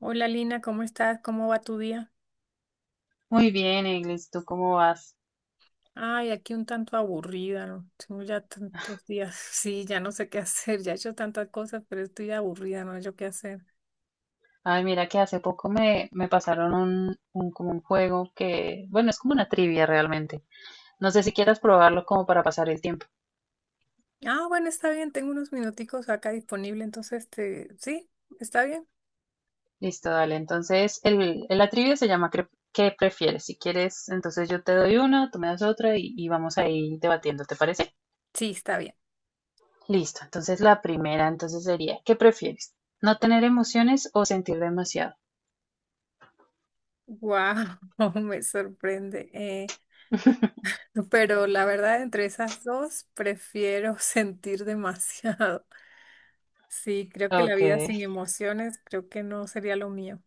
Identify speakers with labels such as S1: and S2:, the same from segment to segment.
S1: Hola Lina, ¿cómo estás? ¿Cómo va tu día?
S2: Muy bien, Eglis, ¿tú cómo vas?
S1: Ay, aquí un tanto aburrida, ¿no? Tengo ya tantos días. Sí, ya no sé qué hacer, ya he hecho tantas cosas, pero estoy aburrida, no sé qué hacer.
S2: Ay, mira que hace poco me pasaron como un juego que, bueno, es como una trivia realmente. No sé si quieras probarlo como para pasar el tiempo.
S1: Ah, bueno, está bien, tengo unos minuticos acá disponible, entonces te... ¿Sí? ¿Está bien?
S2: Listo, dale. Entonces, la trivia se llama ¿Qué prefieres? Si quieres, entonces yo te doy una, tú me das otra y vamos ahí debatiendo, ¿te parece?
S1: Sí, está bien.
S2: Listo. Entonces, la primera entonces sería, ¿qué prefieres? ¿No tener emociones o sentir demasiado?
S1: Wow, me sorprende. Pero la verdad, entre esas dos, prefiero sentir demasiado. Sí, creo que la
S2: Ok.
S1: vida sin emociones, creo que no sería lo mío.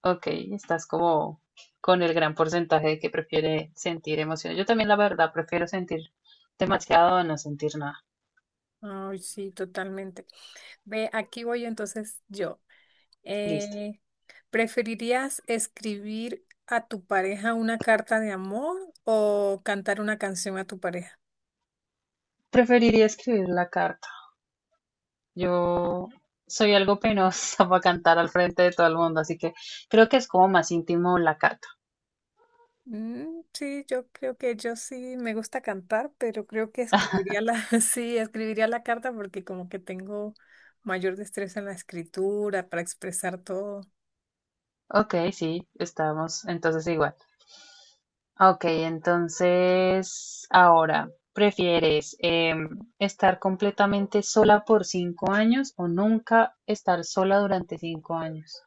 S2: Ok, estás como con el gran porcentaje de que prefiere sentir emociones. Yo también, la verdad, prefiero sentir demasiado a no sentir nada.
S1: Ay, sí, totalmente. Ve, aquí voy entonces yo.
S2: Listo.
S1: Eh, ¿Preferirías escribir a tu pareja una carta de amor o cantar una canción a tu pareja?
S2: Preferiría escribir la carta. Yo soy algo penosa para cantar al frente de todo el mundo, así que creo que es como más íntimo la carta.
S1: Mm, sí, yo creo que yo sí me gusta cantar, pero creo que escribiría la, sí, escribiría la carta porque como que tengo mayor destreza en la escritura para expresar todo.
S2: Ok, sí, estamos entonces igual. Ok, entonces ahora, ¿prefieres estar completamente sola por 5 años o nunca estar sola durante 5 años?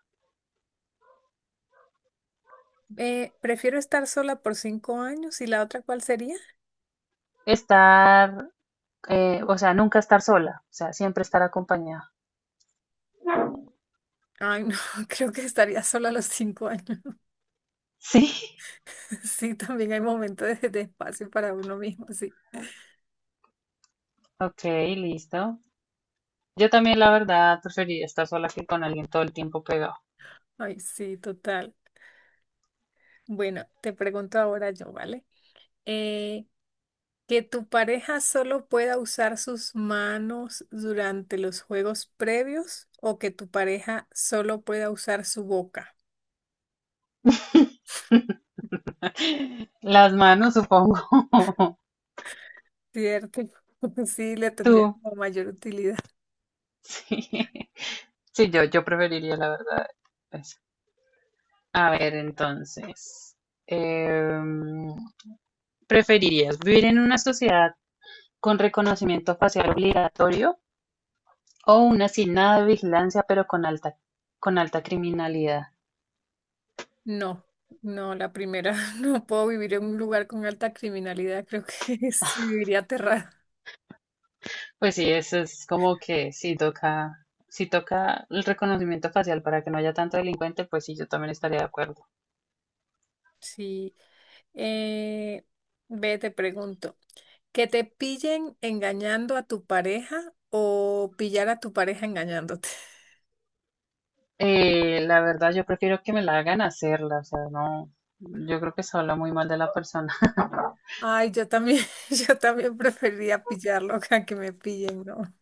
S1: Prefiero estar sola por 5 años y la otra, ¿cuál sería?
S2: Estar, o sea, nunca estar sola, o sea, siempre estar acompañada.
S1: Ay, no, creo que estaría sola a los 5 años.
S2: Sí.
S1: Sí, también hay momentos de espacio para uno mismo, sí.
S2: Ok, listo. Yo también, la verdad, preferiría estar sola que con alguien todo el tiempo pegado.
S1: Ay, sí, total. Bueno, te pregunto ahora yo, ¿vale? Eh, que tu pareja solo pueda usar sus manos durante los juegos previos o que tu pareja solo pueda usar su boca,
S2: Las manos, supongo.
S1: ¿cierto? Sí, le tendría
S2: Tú.
S1: como mayor utilidad.
S2: Sí, yo preferiría, la verdad, eso. A ver, entonces, em, ¿preferirías vivir en una sociedad con reconocimiento facial obligatorio o una sin nada de vigilancia pero con alta criminalidad?
S1: No, no, la primera, no puedo vivir en un lugar con alta criminalidad, creo que viviría aterrada.
S2: Pues sí, eso es como que si toca, si toca el reconocimiento facial para que no haya tanto delincuente, pues sí, yo también estaría de acuerdo.
S1: Sí. Eh, Ve, te pregunto, ¿que te pillen engañando a tu pareja o pillar a tu pareja engañándote?
S2: La verdad, yo prefiero que me la hagan hacerla, o sea, no, yo creo que se habla muy mal de la persona.
S1: Ay, yo también, yo también preferiría pillarlo a que me pillen, ¿no?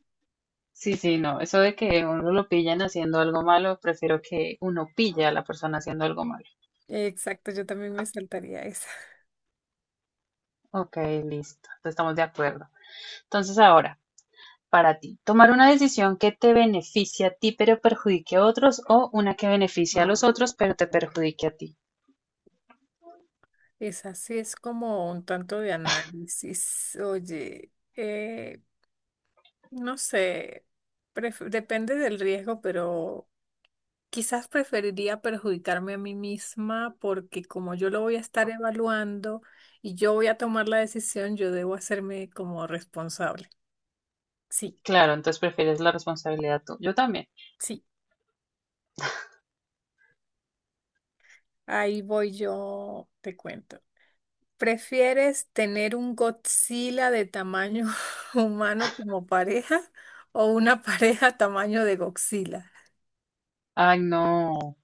S2: Sí, sí, no, eso de que uno lo pillan haciendo algo malo, prefiero que uno pille a la persona haciendo algo malo.
S1: Exacto, yo también me saltaría esa.
S2: Ok, listo, entonces estamos de acuerdo. Entonces ahora, para ti. Tomar una decisión que te beneficie a ti pero perjudique a otros o una que beneficie a los otros pero te perjudique a ti.
S1: Esa sí es como un tanto de análisis. Oye, no sé, depende del riesgo, pero quizás preferiría perjudicarme a mí misma porque como yo lo voy a estar evaluando y yo voy a tomar la decisión, yo debo hacerme como responsable. Sí,
S2: Claro, entonces prefieres la responsabilidad tú. Yo también.
S1: sí, ahí voy yo, te cuento. ¿Prefieres tener un Godzilla de tamaño humano como pareja o una pareja tamaño de Godzilla?
S2: Ay, no.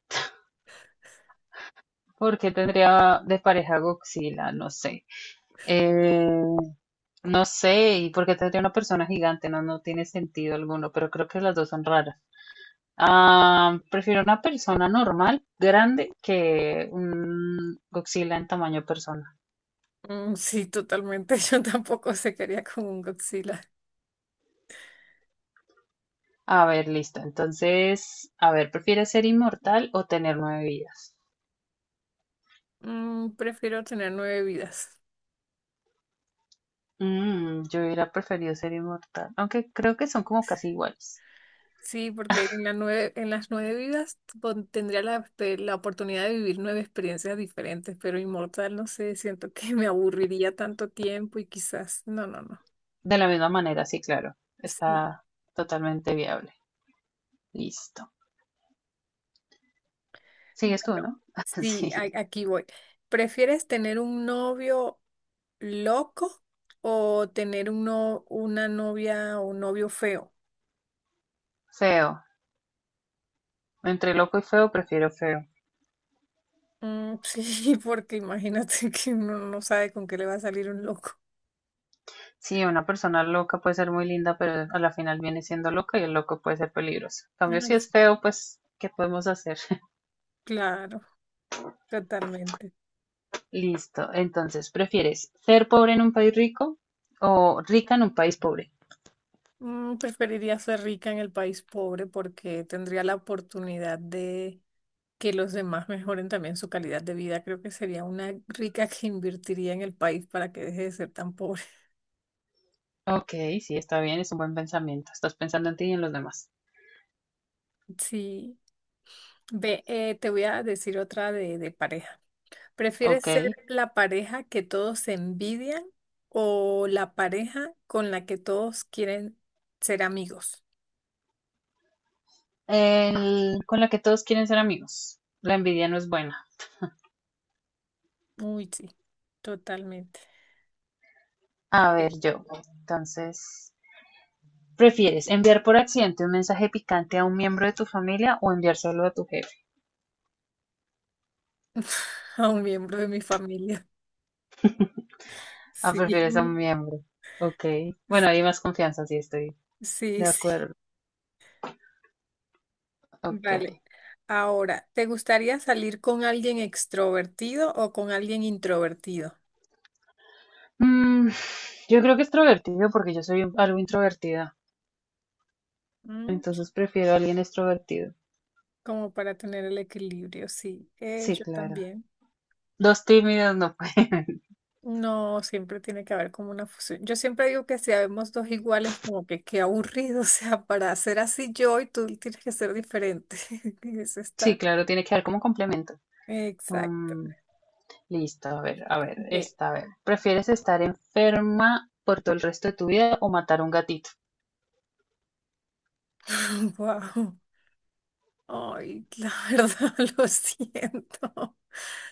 S2: ¿Por qué tendría de pareja Godzilla? No sé. Eh, no sé. ¿Y por qué tendría una persona gigante? No, no tiene sentido alguno, pero creo que las dos son raras. Ah, prefiero una persona normal, grande, que un Godzilla en tamaño personal.
S1: Mm, sí, totalmente. Yo tampoco se quería con un Godzilla.
S2: A ver, listo. Entonces, a ver, ¿prefieres ser inmortal o tener nueve vidas?
S1: Mm, prefiero tener nueve vidas.
S2: Mm, yo hubiera preferido ser inmortal, aunque creo que son como casi iguales.
S1: Sí, porque en la en las nueve vidas tendría la, este, la oportunidad de vivir nueve experiencias diferentes, pero inmortal, no sé, siento que me aburriría tanto tiempo y quizás, no, no, no.
S2: De la misma manera, sí, claro.
S1: Sí,
S2: Está totalmente viable. Listo. Sigues tú,
S1: bueno,
S2: ¿no?
S1: sí,
S2: Sí.
S1: aquí voy. ¿Prefieres tener un novio loco o tener un una novia o un novio feo?
S2: Feo. Entre loco y feo, prefiero feo.
S1: Mm, sí, porque imagínate que uno no sabe con qué le va a salir un loco.
S2: Sí, una persona loca puede ser muy linda, pero a la final viene siendo loca y el loco puede ser peligroso. En cambio,
S1: Ay,
S2: si
S1: sí,
S2: es feo, pues, ¿qué podemos hacer?
S1: claro, totalmente.
S2: Listo. Entonces, ¿prefieres ser pobre en un país rico o rica en un país pobre?
S1: Mm, preferiría ser rica en el país pobre porque tendría la oportunidad de que los demás mejoren también su calidad de vida. Creo que sería una rica que invertiría en el país para que deje de ser tan pobre.
S2: Ok, sí, está bien, es un buen pensamiento. Estás pensando en ti y en los demás.
S1: Sí. Ve, te voy a decir otra de pareja. ¿Prefieres
S2: Ok.
S1: ser la pareja que todos envidian o la pareja con la que todos quieren ser amigos?
S2: El, con la que todos quieren ser amigos. La envidia no es buena.
S1: Uy, sí, totalmente.
S2: A
S1: Eh.
S2: ver, yo. Entonces, ¿prefieres enviar por accidente un mensaje picante a un miembro de tu familia o enviárselo a tu jefe?
S1: A un miembro de mi familia.
S2: Ah,
S1: Sí.
S2: prefieres a Mm, un miembro. Ok. Bueno, hay más confianza, sí, estoy
S1: Sí,
S2: de
S1: sí.
S2: acuerdo. Ok.
S1: Vale. Ahora, ¿te gustaría salir con alguien extrovertido o con alguien introvertido?
S2: Mm, yo creo que extrovertido porque yo soy algo introvertida,
S1: Mm.
S2: entonces prefiero a alguien extrovertido.
S1: Como para tener el equilibrio, sí.
S2: Sí,
S1: Yo
S2: claro.
S1: también.
S2: Dos tímidos no pueden.
S1: No, siempre tiene que haber como una fusión. Yo siempre digo que si habemos dos iguales, como que qué aburrido, o sea, para ser así yo y tú tienes que ser diferente. Eso
S2: Sí,
S1: está.
S2: claro, tiene que haber como complemento.
S1: Exacto.
S2: Mm, listo, a ver,
S1: Ve.
S2: esta, a ver. ¿Prefieres estar enferma por todo el resto de tu vida o matar a un gatito?
S1: Wow. Ay, la verdad, lo siento.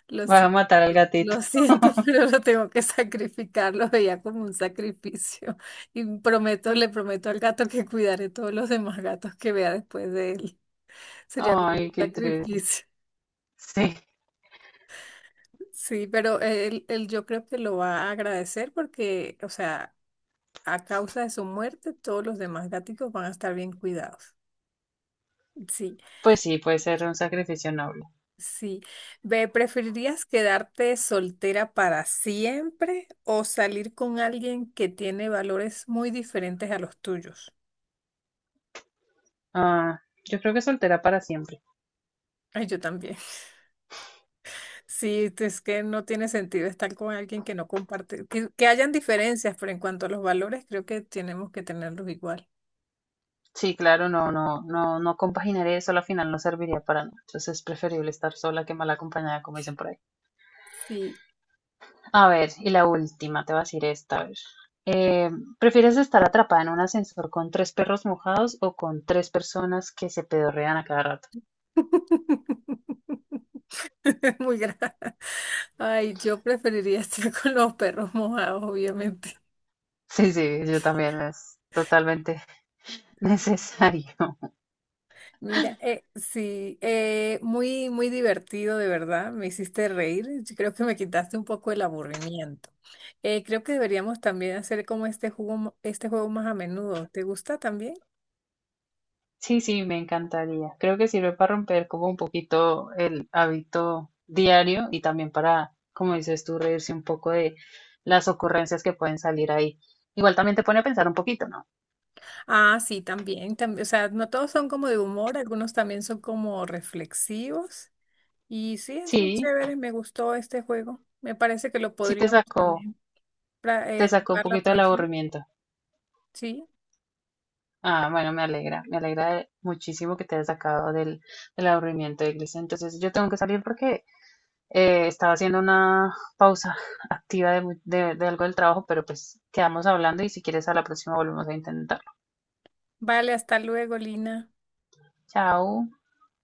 S1: Lo
S2: Va a
S1: siento,
S2: matar al
S1: lo
S2: gatito.
S1: siento, pero lo tengo que sacrificar. Lo veía como un sacrificio. Y prometo, le prometo al gato que cuidaré todos los demás gatos que vea después de él. Sería como
S2: Ay,
S1: un
S2: qué triste.
S1: sacrificio.
S2: Sí,
S1: Sí, pero él yo creo que lo va a agradecer porque, o sea, a causa de su muerte, todos los demás gaticos van a estar bien cuidados. Sí.
S2: pues sí, puede ser un sacrificio noble.
S1: Sí. Ve, ¿preferirías quedarte soltera para siempre o salir con alguien que tiene valores muy diferentes a los tuyos?
S2: Ah, yo creo que soltera para siempre.
S1: Ay, yo también. Sí, es que no tiene sentido estar con alguien que no comparte, que hayan diferencias, pero en cuanto a los valores, creo que tenemos que tenerlos igual.
S2: Sí, claro, no, no, no, no compaginar eso, al final no serviría para nada. Entonces es preferible estar sola que mal acompañada, como dicen por ahí.
S1: Sí.
S2: A ver, y la última, te voy a decir esta, a ver. Eh, ¿Prefieres estar atrapada en un ascensor con tres perros mojados o con tres personas que se pedorrean a cada rato?
S1: Muy grave. Ay, yo preferiría estar con los perros mojados, obviamente.
S2: Sí, sí, yo también, es totalmente necesario.
S1: Mira, sí, muy, muy divertido, de verdad. Me hiciste reír. Yo creo que me quitaste un poco el aburrimiento. Creo que deberíamos también hacer como este este juego más a menudo. ¿Te gusta también?
S2: Sí, sí, me encantaría. Creo que sirve para romper como un poquito el hábito diario y también para, como dices tú, reírse un poco de las ocurrencias que pueden salir ahí. Igual también te pone a pensar un poquito, ¿no?
S1: Ah, sí, también, también. O sea, no todos son como de humor, algunos también son como reflexivos. Y sí, es muy
S2: Sí,
S1: chévere. Me gustó este juego. Me parece que lo
S2: sí
S1: podríamos también
S2: te sacó un
S1: jugar la
S2: poquito del
S1: próxima.
S2: aburrimiento.
S1: Sí.
S2: Ah, bueno, me alegra muchísimo que te hayas sacado del, del aburrimiento, Iglesia. Entonces, yo tengo que salir porque estaba haciendo una pausa activa de, de algo del trabajo, pero pues quedamos hablando y si quieres a la próxima volvemos a intentar.
S1: Vale, hasta luego, Lina.
S2: Chao.